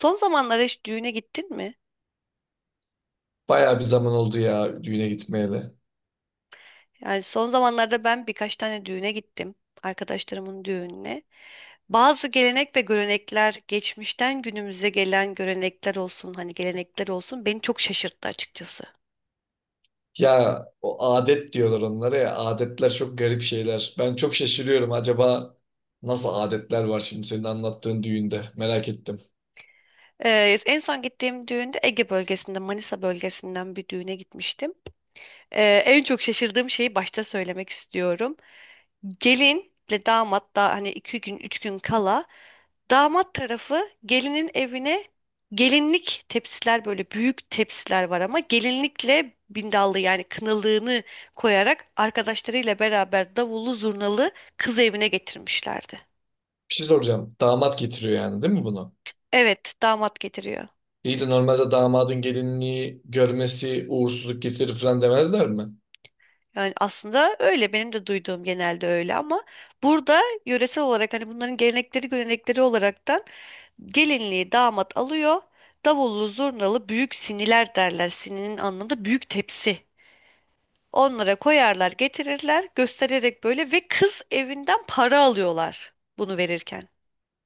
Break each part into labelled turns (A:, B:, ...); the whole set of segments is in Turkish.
A: Son zamanlarda hiç düğüne gittin mi?
B: Bayağı bir zaman oldu ya düğüne gitmeyeli.
A: Yani son zamanlarda ben birkaç tane düğüne gittim. Arkadaşlarımın düğününe. Bazı gelenek ve görenekler geçmişten günümüze gelen görenekler olsun hani gelenekler olsun beni çok şaşırttı açıkçası.
B: Ya o adet diyorlar onlara ya. Adetler çok garip şeyler. Ben çok şaşırıyorum. Acaba nasıl adetler var şimdi senin anlattığın düğünde? Merak ettim.
A: En son gittiğim düğünde Ege bölgesinde Manisa bölgesinden bir düğüne gitmiştim. En çok şaşırdığım şeyi başta söylemek istiyorum. Gelinle damat da hani iki gün üç gün kala damat tarafı gelinin evine gelinlik tepsiler böyle büyük tepsiler var ama gelinlikle bindallı yani kınalığını koyarak arkadaşlarıyla beraber davullu zurnalı kız evine getirmişlerdi.
B: Bir şey soracağım. Damat getiriyor yani değil mi bunu?
A: Evet, damat getiriyor.
B: İyi de normalde damadın gelinliği görmesi uğursuzluk getirir falan demezler mi?
A: Yani aslında öyle, benim de duyduğum genelde öyle, ama burada yöresel olarak hani bunların gelenekleri görenekleri olaraktan gelinliği damat alıyor. Davullu zurnalı büyük siniler derler. Sininin anlamda büyük tepsi. Onlara koyarlar, getirirler, göstererek böyle ve kız evinden para alıyorlar bunu verirken.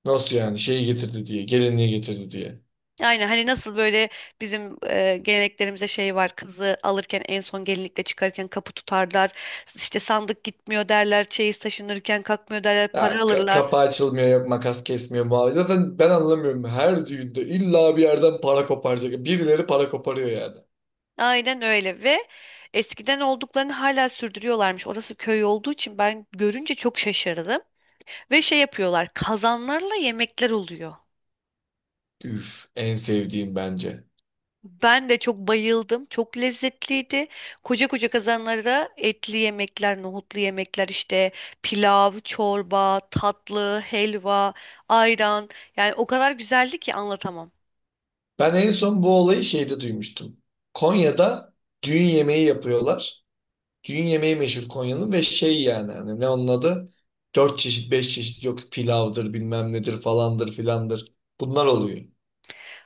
B: Nasıl yani? Şeyi getirdi diye, gelinliği getirdi diye.
A: Yani hani nasıl böyle bizim geleneklerimize şey var, kızı alırken en son gelinlikle çıkarken kapı tutarlar, işte sandık gitmiyor derler, çeyiz taşınırken kalkmıyor derler, para
B: Ya,
A: alırlar.
B: kapağı açılmıyor, yok makas kesmiyor muhabbet. Zaten ben anlamıyorum. Her düğünde illa bir yerden para koparacak. Birileri para koparıyor yani.
A: Aynen öyle ve eskiden olduklarını hala sürdürüyorlarmış. Orası köy olduğu için ben görünce çok şaşırdım. Ve şey yapıyorlar, kazanlarla yemekler oluyor.
B: Üf, en sevdiğim bence.
A: Ben de çok bayıldım. Çok lezzetliydi. Koca koca kazanlara etli yemekler, nohutlu yemekler, işte pilav, çorba, tatlı, helva, ayran. Yani o kadar güzeldi ki anlatamam.
B: Ben en son bu olayı şeyde duymuştum. Konya'da düğün yemeği yapıyorlar. Düğün yemeği meşhur Konya'nın ve şey yani hani ne onun adı? Dört çeşit, beş çeşit yok pilavdır bilmem nedir falandır filandır. Bunlar oluyor.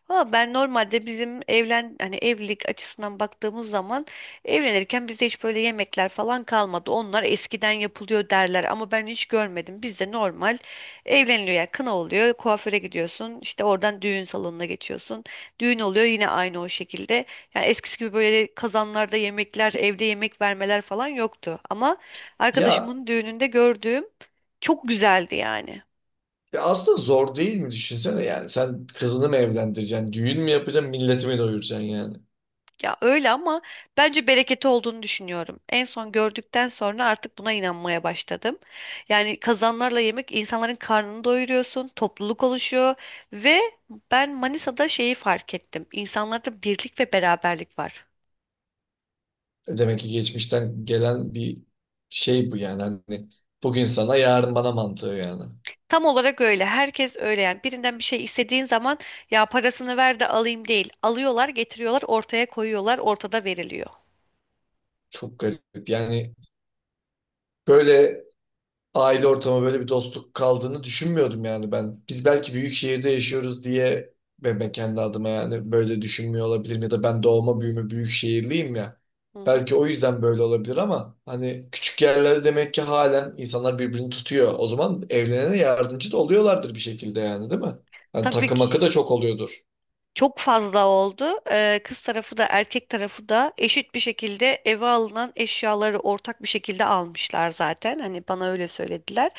A: Ama ben normalde bizim hani evlilik açısından baktığımız zaman, evlenirken bizde hiç böyle yemekler falan kalmadı. Onlar eskiden yapılıyor derler ama ben hiç görmedim. Bizde normal evleniliyor yani, kına oluyor, kuaföre gidiyorsun, işte oradan düğün salonuna geçiyorsun. Düğün oluyor yine aynı o şekilde. Yani eskisi gibi böyle kazanlarda yemekler, evde yemek vermeler falan yoktu. Ama
B: Ya,
A: arkadaşımın düğününde gördüğüm çok güzeldi yani.
B: ya aslında zor değil mi düşünsene yani sen kızını mı evlendireceksin, düğün mü yapacaksın, milleti mi doyuracaksın yani.
A: Ya öyle ama bence bereketi olduğunu düşünüyorum. En son gördükten sonra artık buna inanmaya başladım. Yani kazanlarla yemek insanların karnını doyuruyorsun, topluluk oluşuyor ve ben Manisa'da şeyi fark ettim. İnsanlarda birlik ve beraberlik var.
B: E, demek ki geçmişten gelen bir şey bu yani hani bugün sana yarın bana mantığı yani.
A: Tam olarak öyle. Herkes öyle yani. Birinden bir şey istediğin zaman, ya parasını ver de alayım değil. Alıyorlar, getiriyorlar, ortaya koyuyorlar, ortada veriliyor.
B: Çok garip yani. Böyle aile ortamı böyle bir dostluk kaldığını düşünmüyordum yani ben. Biz belki büyük şehirde yaşıyoruz diye ve ben kendi adıma yani böyle düşünmüyor olabilirim ya da ben doğma büyüme büyük şehirliyim ya.
A: Hı hı.
B: Belki o yüzden böyle olabilir ama hani küçük yerlerde demek ki halen insanlar birbirini tutuyor. O zaman evlenene yardımcı da oluyorlardır bir şekilde yani değil mi? Hani
A: Tabii
B: takı makı
A: ki.
B: da çok oluyordur.
A: Çok fazla oldu. Kız tarafı da erkek tarafı da eşit bir şekilde eve alınan eşyaları ortak bir şekilde almışlar zaten. Hani bana öyle söylediler.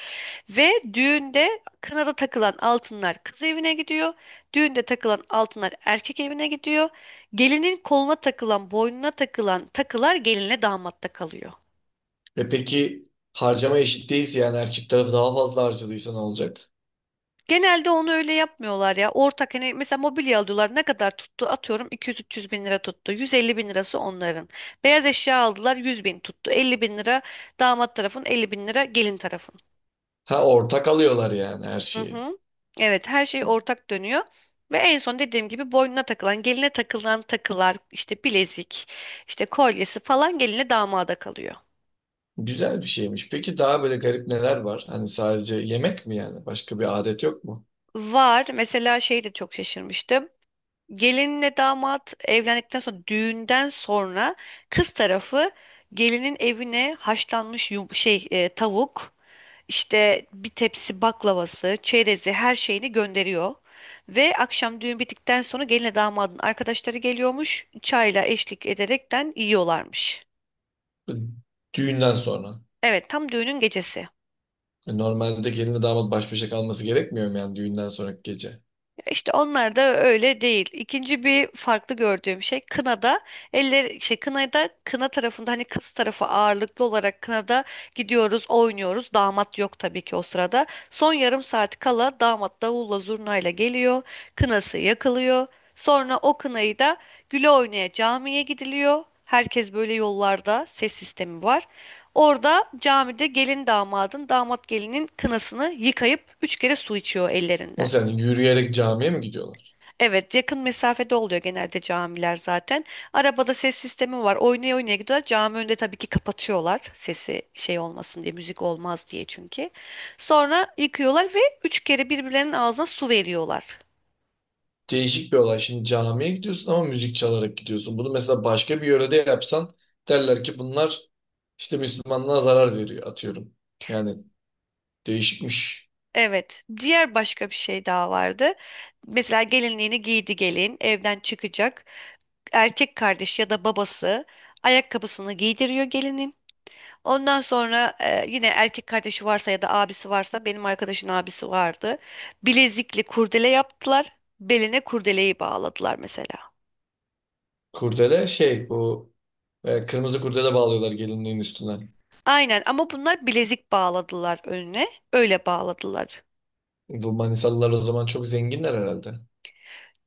A: Ve düğünde kınada takılan altınlar kız evine gidiyor. Düğünde takılan altınlar erkek evine gidiyor. Gelinin koluna takılan, boynuna takılan takılar gelinle damatta kalıyor.
B: E, peki harcama eşit değilse yani erkek tarafı daha fazla harcadıysa ne olacak?
A: Genelde onu öyle yapmıyorlar ya. Ortak hani, mesela mobilya alıyorlar. Ne kadar tuttu? Atıyorum 200-300 bin lira tuttu. 150 bin lirası onların. Beyaz eşya aldılar, 100 bin tuttu. 50 bin lira damat tarafın, 50 bin lira gelin tarafın.
B: Ha, ortak alıyorlar yani her
A: Hı
B: şeyi.
A: hı. Evet, her şey ortak dönüyor. Ve en son dediğim gibi boynuna takılan, geline takılan takılar, işte bilezik, işte kolyesi falan geline damada kalıyor.
B: Güzel bir şeymiş. Peki daha böyle garip neler var? Hani sadece yemek mi yani? Başka bir adet yok mu?
A: Var. Mesela şey de çok şaşırmıştım. Gelinle damat evlendikten sonra, düğünden sonra kız tarafı gelinin evine haşlanmış tavuk, işte bir tepsi baklavası, çerezi, her şeyini gönderiyor. Ve akşam düğün bittikten sonra gelinle damadın arkadaşları geliyormuş. Çayla eşlik ederekten yiyorlarmış.
B: Düğünden sonra.
A: Evet, tam düğünün gecesi.
B: E, normalde gelinle damat baş başa kalması gerekmiyor mu yani düğünden sonraki gece?
A: İşte onlar da öyle değil. İkinci bir farklı gördüğüm şey kınada eller şey kınada, kına tarafında hani kız tarafı ağırlıklı olarak kınada gidiyoruz, oynuyoruz. Damat yok tabii ki o sırada. Son yarım saat kala damat davulla zurnayla geliyor. Kınası yakılıyor. Sonra o kınayı da güle oynaya camiye gidiliyor. Herkes böyle, yollarda ses sistemi var. Orada camide gelin damadın, damat gelinin kınasını yıkayıp üç kere su içiyor ellerinden.
B: Nasıl yani yürüyerek camiye mi gidiyorlar?
A: Evet, yakın mesafede oluyor genelde camiler zaten. Arabada ses sistemi var. Oynaya oynaya gidiyorlar. Cami önünde tabii ki kapatıyorlar. Sesi şey olmasın diye, müzik olmaz diye çünkü. Sonra yıkıyorlar ve üç kere birbirlerinin ağzına su veriyorlar.
B: Değişik bir olay. Şimdi camiye gidiyorsun ama müzik çalarak gidiyorsun. Bunu mesela başka bir yörede yapsan derler ki bunlar işte Müslümanlığa zarar veriyor atıyorum. Yani değişikmiş.
A: Evet, diğer başka bir şey daha vardı. Mesela gelinliğini giydi gelin, evden çıkacak. Erkek kardeş ya da babası ayakkabısını giydiriyor gelinin. Ondan sonra yine erkek kardeşi varsa ya da abisi varsa, benim arkadaşın abisi vardı. Bilezikli kurdele yaptılar. Beline kurdeleyi bağladılar mesela.
B: Kurdele şey bu kırmızı kurdele bağlıyorlar gelinliğin üstüne.
A: Aynen, ama bunlar bilezik bağladılar önüne. Öyle bağladılar.
B: Bu Manisalılar o zaman çok zenginler herhalde.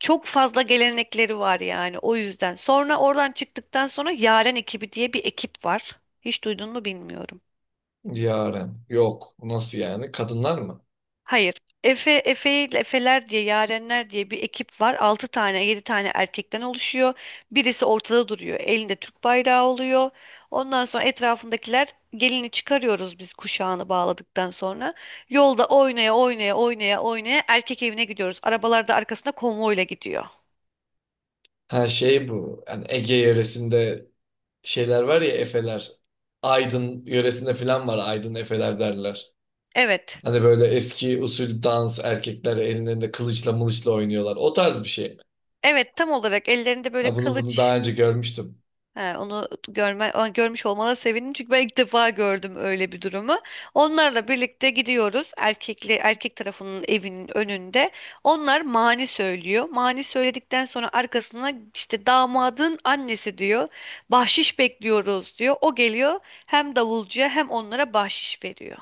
A: Çok fazla gelenekleri var yani o yüzden. Sonra oradan çıktıktan sonra Yaren ekibi diye bir ekip var. Hiç duydun mu bilmiyorum.
B: Yaren. Yok. Nasıl yani? Kadınlar mı?
A: Hayır. Efeler diye, Yarenler diye bir ekip var. 6 tane, 7 tane erkekten oluşuyor. Birisi ortada duruyor. Elinde Türk bayrağı oluyor. Ondan sonra etrafındakiler gelini çıkarıyoruz biz, kuşağını bağladıktan sonra. Yolda oynaya oynaya oynaya oynaya erkek evine gidiyoruz. Arabalar da arkasında konvoyla gidiyor.
B: Ha şey bu. Yani Ege yöresinde şeyler var ya Efeler. Aydın yöresinde falan var. Aydın Efeler derler.
A: Evet.
B: Hani böyle eski usul dans erkekler ellerinde kılıçla mılıçla oynuyorlar. O tarz bir şey mi?
A: Evet, tam olarak ellerinde böyle
B: Ha, bunu
A: kılıç.
B: daha önce görmüştüm.
A: He, görmüş olmana sevindim çünkü ben ilk defa gördüm öyle bir durumu. Onlarla birlikte gidiyoruz erkek tarafının evinin önünde. Onlar mani söylüyor. Mani söyledikten sonra arkasına işte damadın annesi diyor. Bahşiş bekliyoruz diyor. O geliyor, hem davulcuya hem onlara bahşiş veriyor.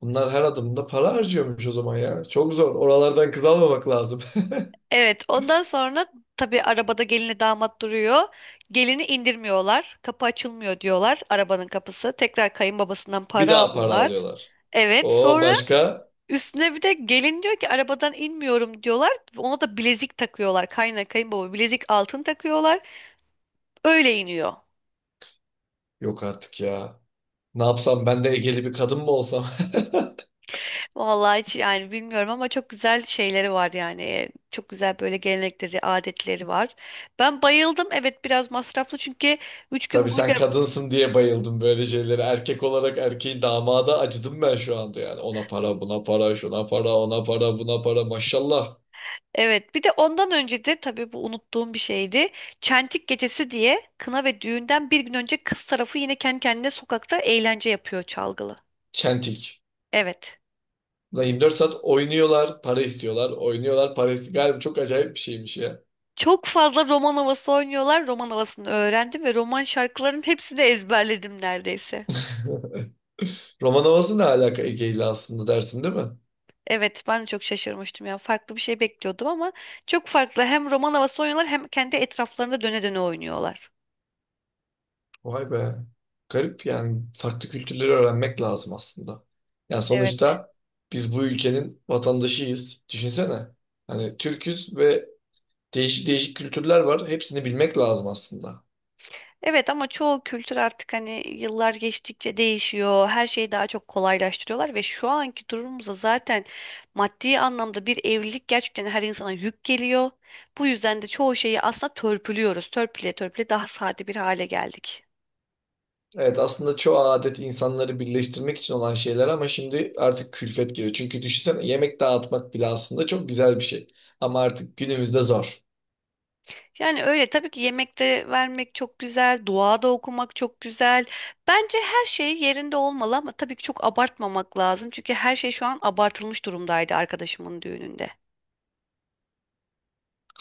B: Bunlar her adımda para harcıyormuş o zaman ya. Çok zor. Oralardan kız almamak lazım.
A: Evet, ondan sonra tabii arabada gelinle damat duruyor. Gelini indirmiyorlar. Kapı açılmıyor diyorlar, arabanın kapısı. Tekrar kayınbabasından
B: Bir
A: para
B: daha para
A: alıyorlar.
B: alıyorlar.
A: Evet,
B: O
A: sonra
B: başka?
A: üstüne bir de gelin diyor ki arabadan inmiyorum diyorlar. Ona da bilezik takıyorlar. Kayınbaba bilezik altın takıyorlar. Öyle iniyor.
B: Yok artık ya. Ne yapsam ben de Egeli bir kadın mı olsam?
A: Vallahi hiç yani bilmiyorum ama çok güzel şeyleri var yani. Çok güzel böyle gelenekleri, adetleri var. Ben bayıldım. Evet, biraz masraflı çünkü 3 gün
B: Tabii
A: boyunca.
B: sen kadınsın diye bayıldım böyle şeylere. Erkek olarak erkeğin damada acıdım ben şu anda yani. Ona para, buna para, şuna para, ona para, buna para. Maşallah.
A: Evet, bir de ondan önce de tabii bu unuttuğum bir şeydi. Çentik gecesi diye, kına ve düğünden bir gün önce kız tarafı yine kendi kendine sokakta eğlence yapıyor çalgılı.
B: Çentik.
A: Evet.
B: Ulan 24 saat oynuyorlar, para istiyorlar. Oynuyorlar, para istiyorlar. Galiba çok acayip bir şeymiş ya.
A: Çok fazla roman havası oynuyorlar. Roman havasını öğrendim ve roman şarkılarının hepsini de ezberledim neredeyse.
B: Roman havası ne alaka Ege ile aslında dersin değil mi?
A: Evet, ben de çok şaşırmıştım ya. Farklı bir şey bekliyordum ama çok farklı. Hem roman havası oynuyorlar hem kendi etraflarında döne döne oynuyorlar.
B: Vay be. Garip yani farklı kültürleri öğrenmek lazım aslında. Yani
A: Evet.
B: sonuçta biz bu ülkenin vatandaşıyız. Düşünsene. Hani Türküz ve değişik değişik kültürler var. Hepsini bilmek lazım aslında.
A: Evet ama çoğu kültür artık hani yıllar geçtikçe değişiyor. Her şeyi daha çok kolaylaştırıyorlar ve şu anki durumumuzda zaten maddi anlamda bir evlilik gerçekten her insana yük geliyor. Bu yüzden de çoğu şeyi aslında törpülüyoruz. Törpüle törpüle daha sade bir hale geldik.
B: Evet aslında çoğu adet insanları birleştirmek için olan şeyler ama şimdi artık külfet geliyor. Çünkü düşünsene yemek dağıtmak bile aslında çok güzel bir şey. Ama artık günümüzde zor.
A: Yani öyle, tabii ki yemekte vermek çok güzel, dua da okumak çok güzel. Bence her şey yerinde olmalı ama tabii ki çok abartmamak lazım. Çünkü her şey şu an abartılmış durumdaydı arkadaşımın düğününde.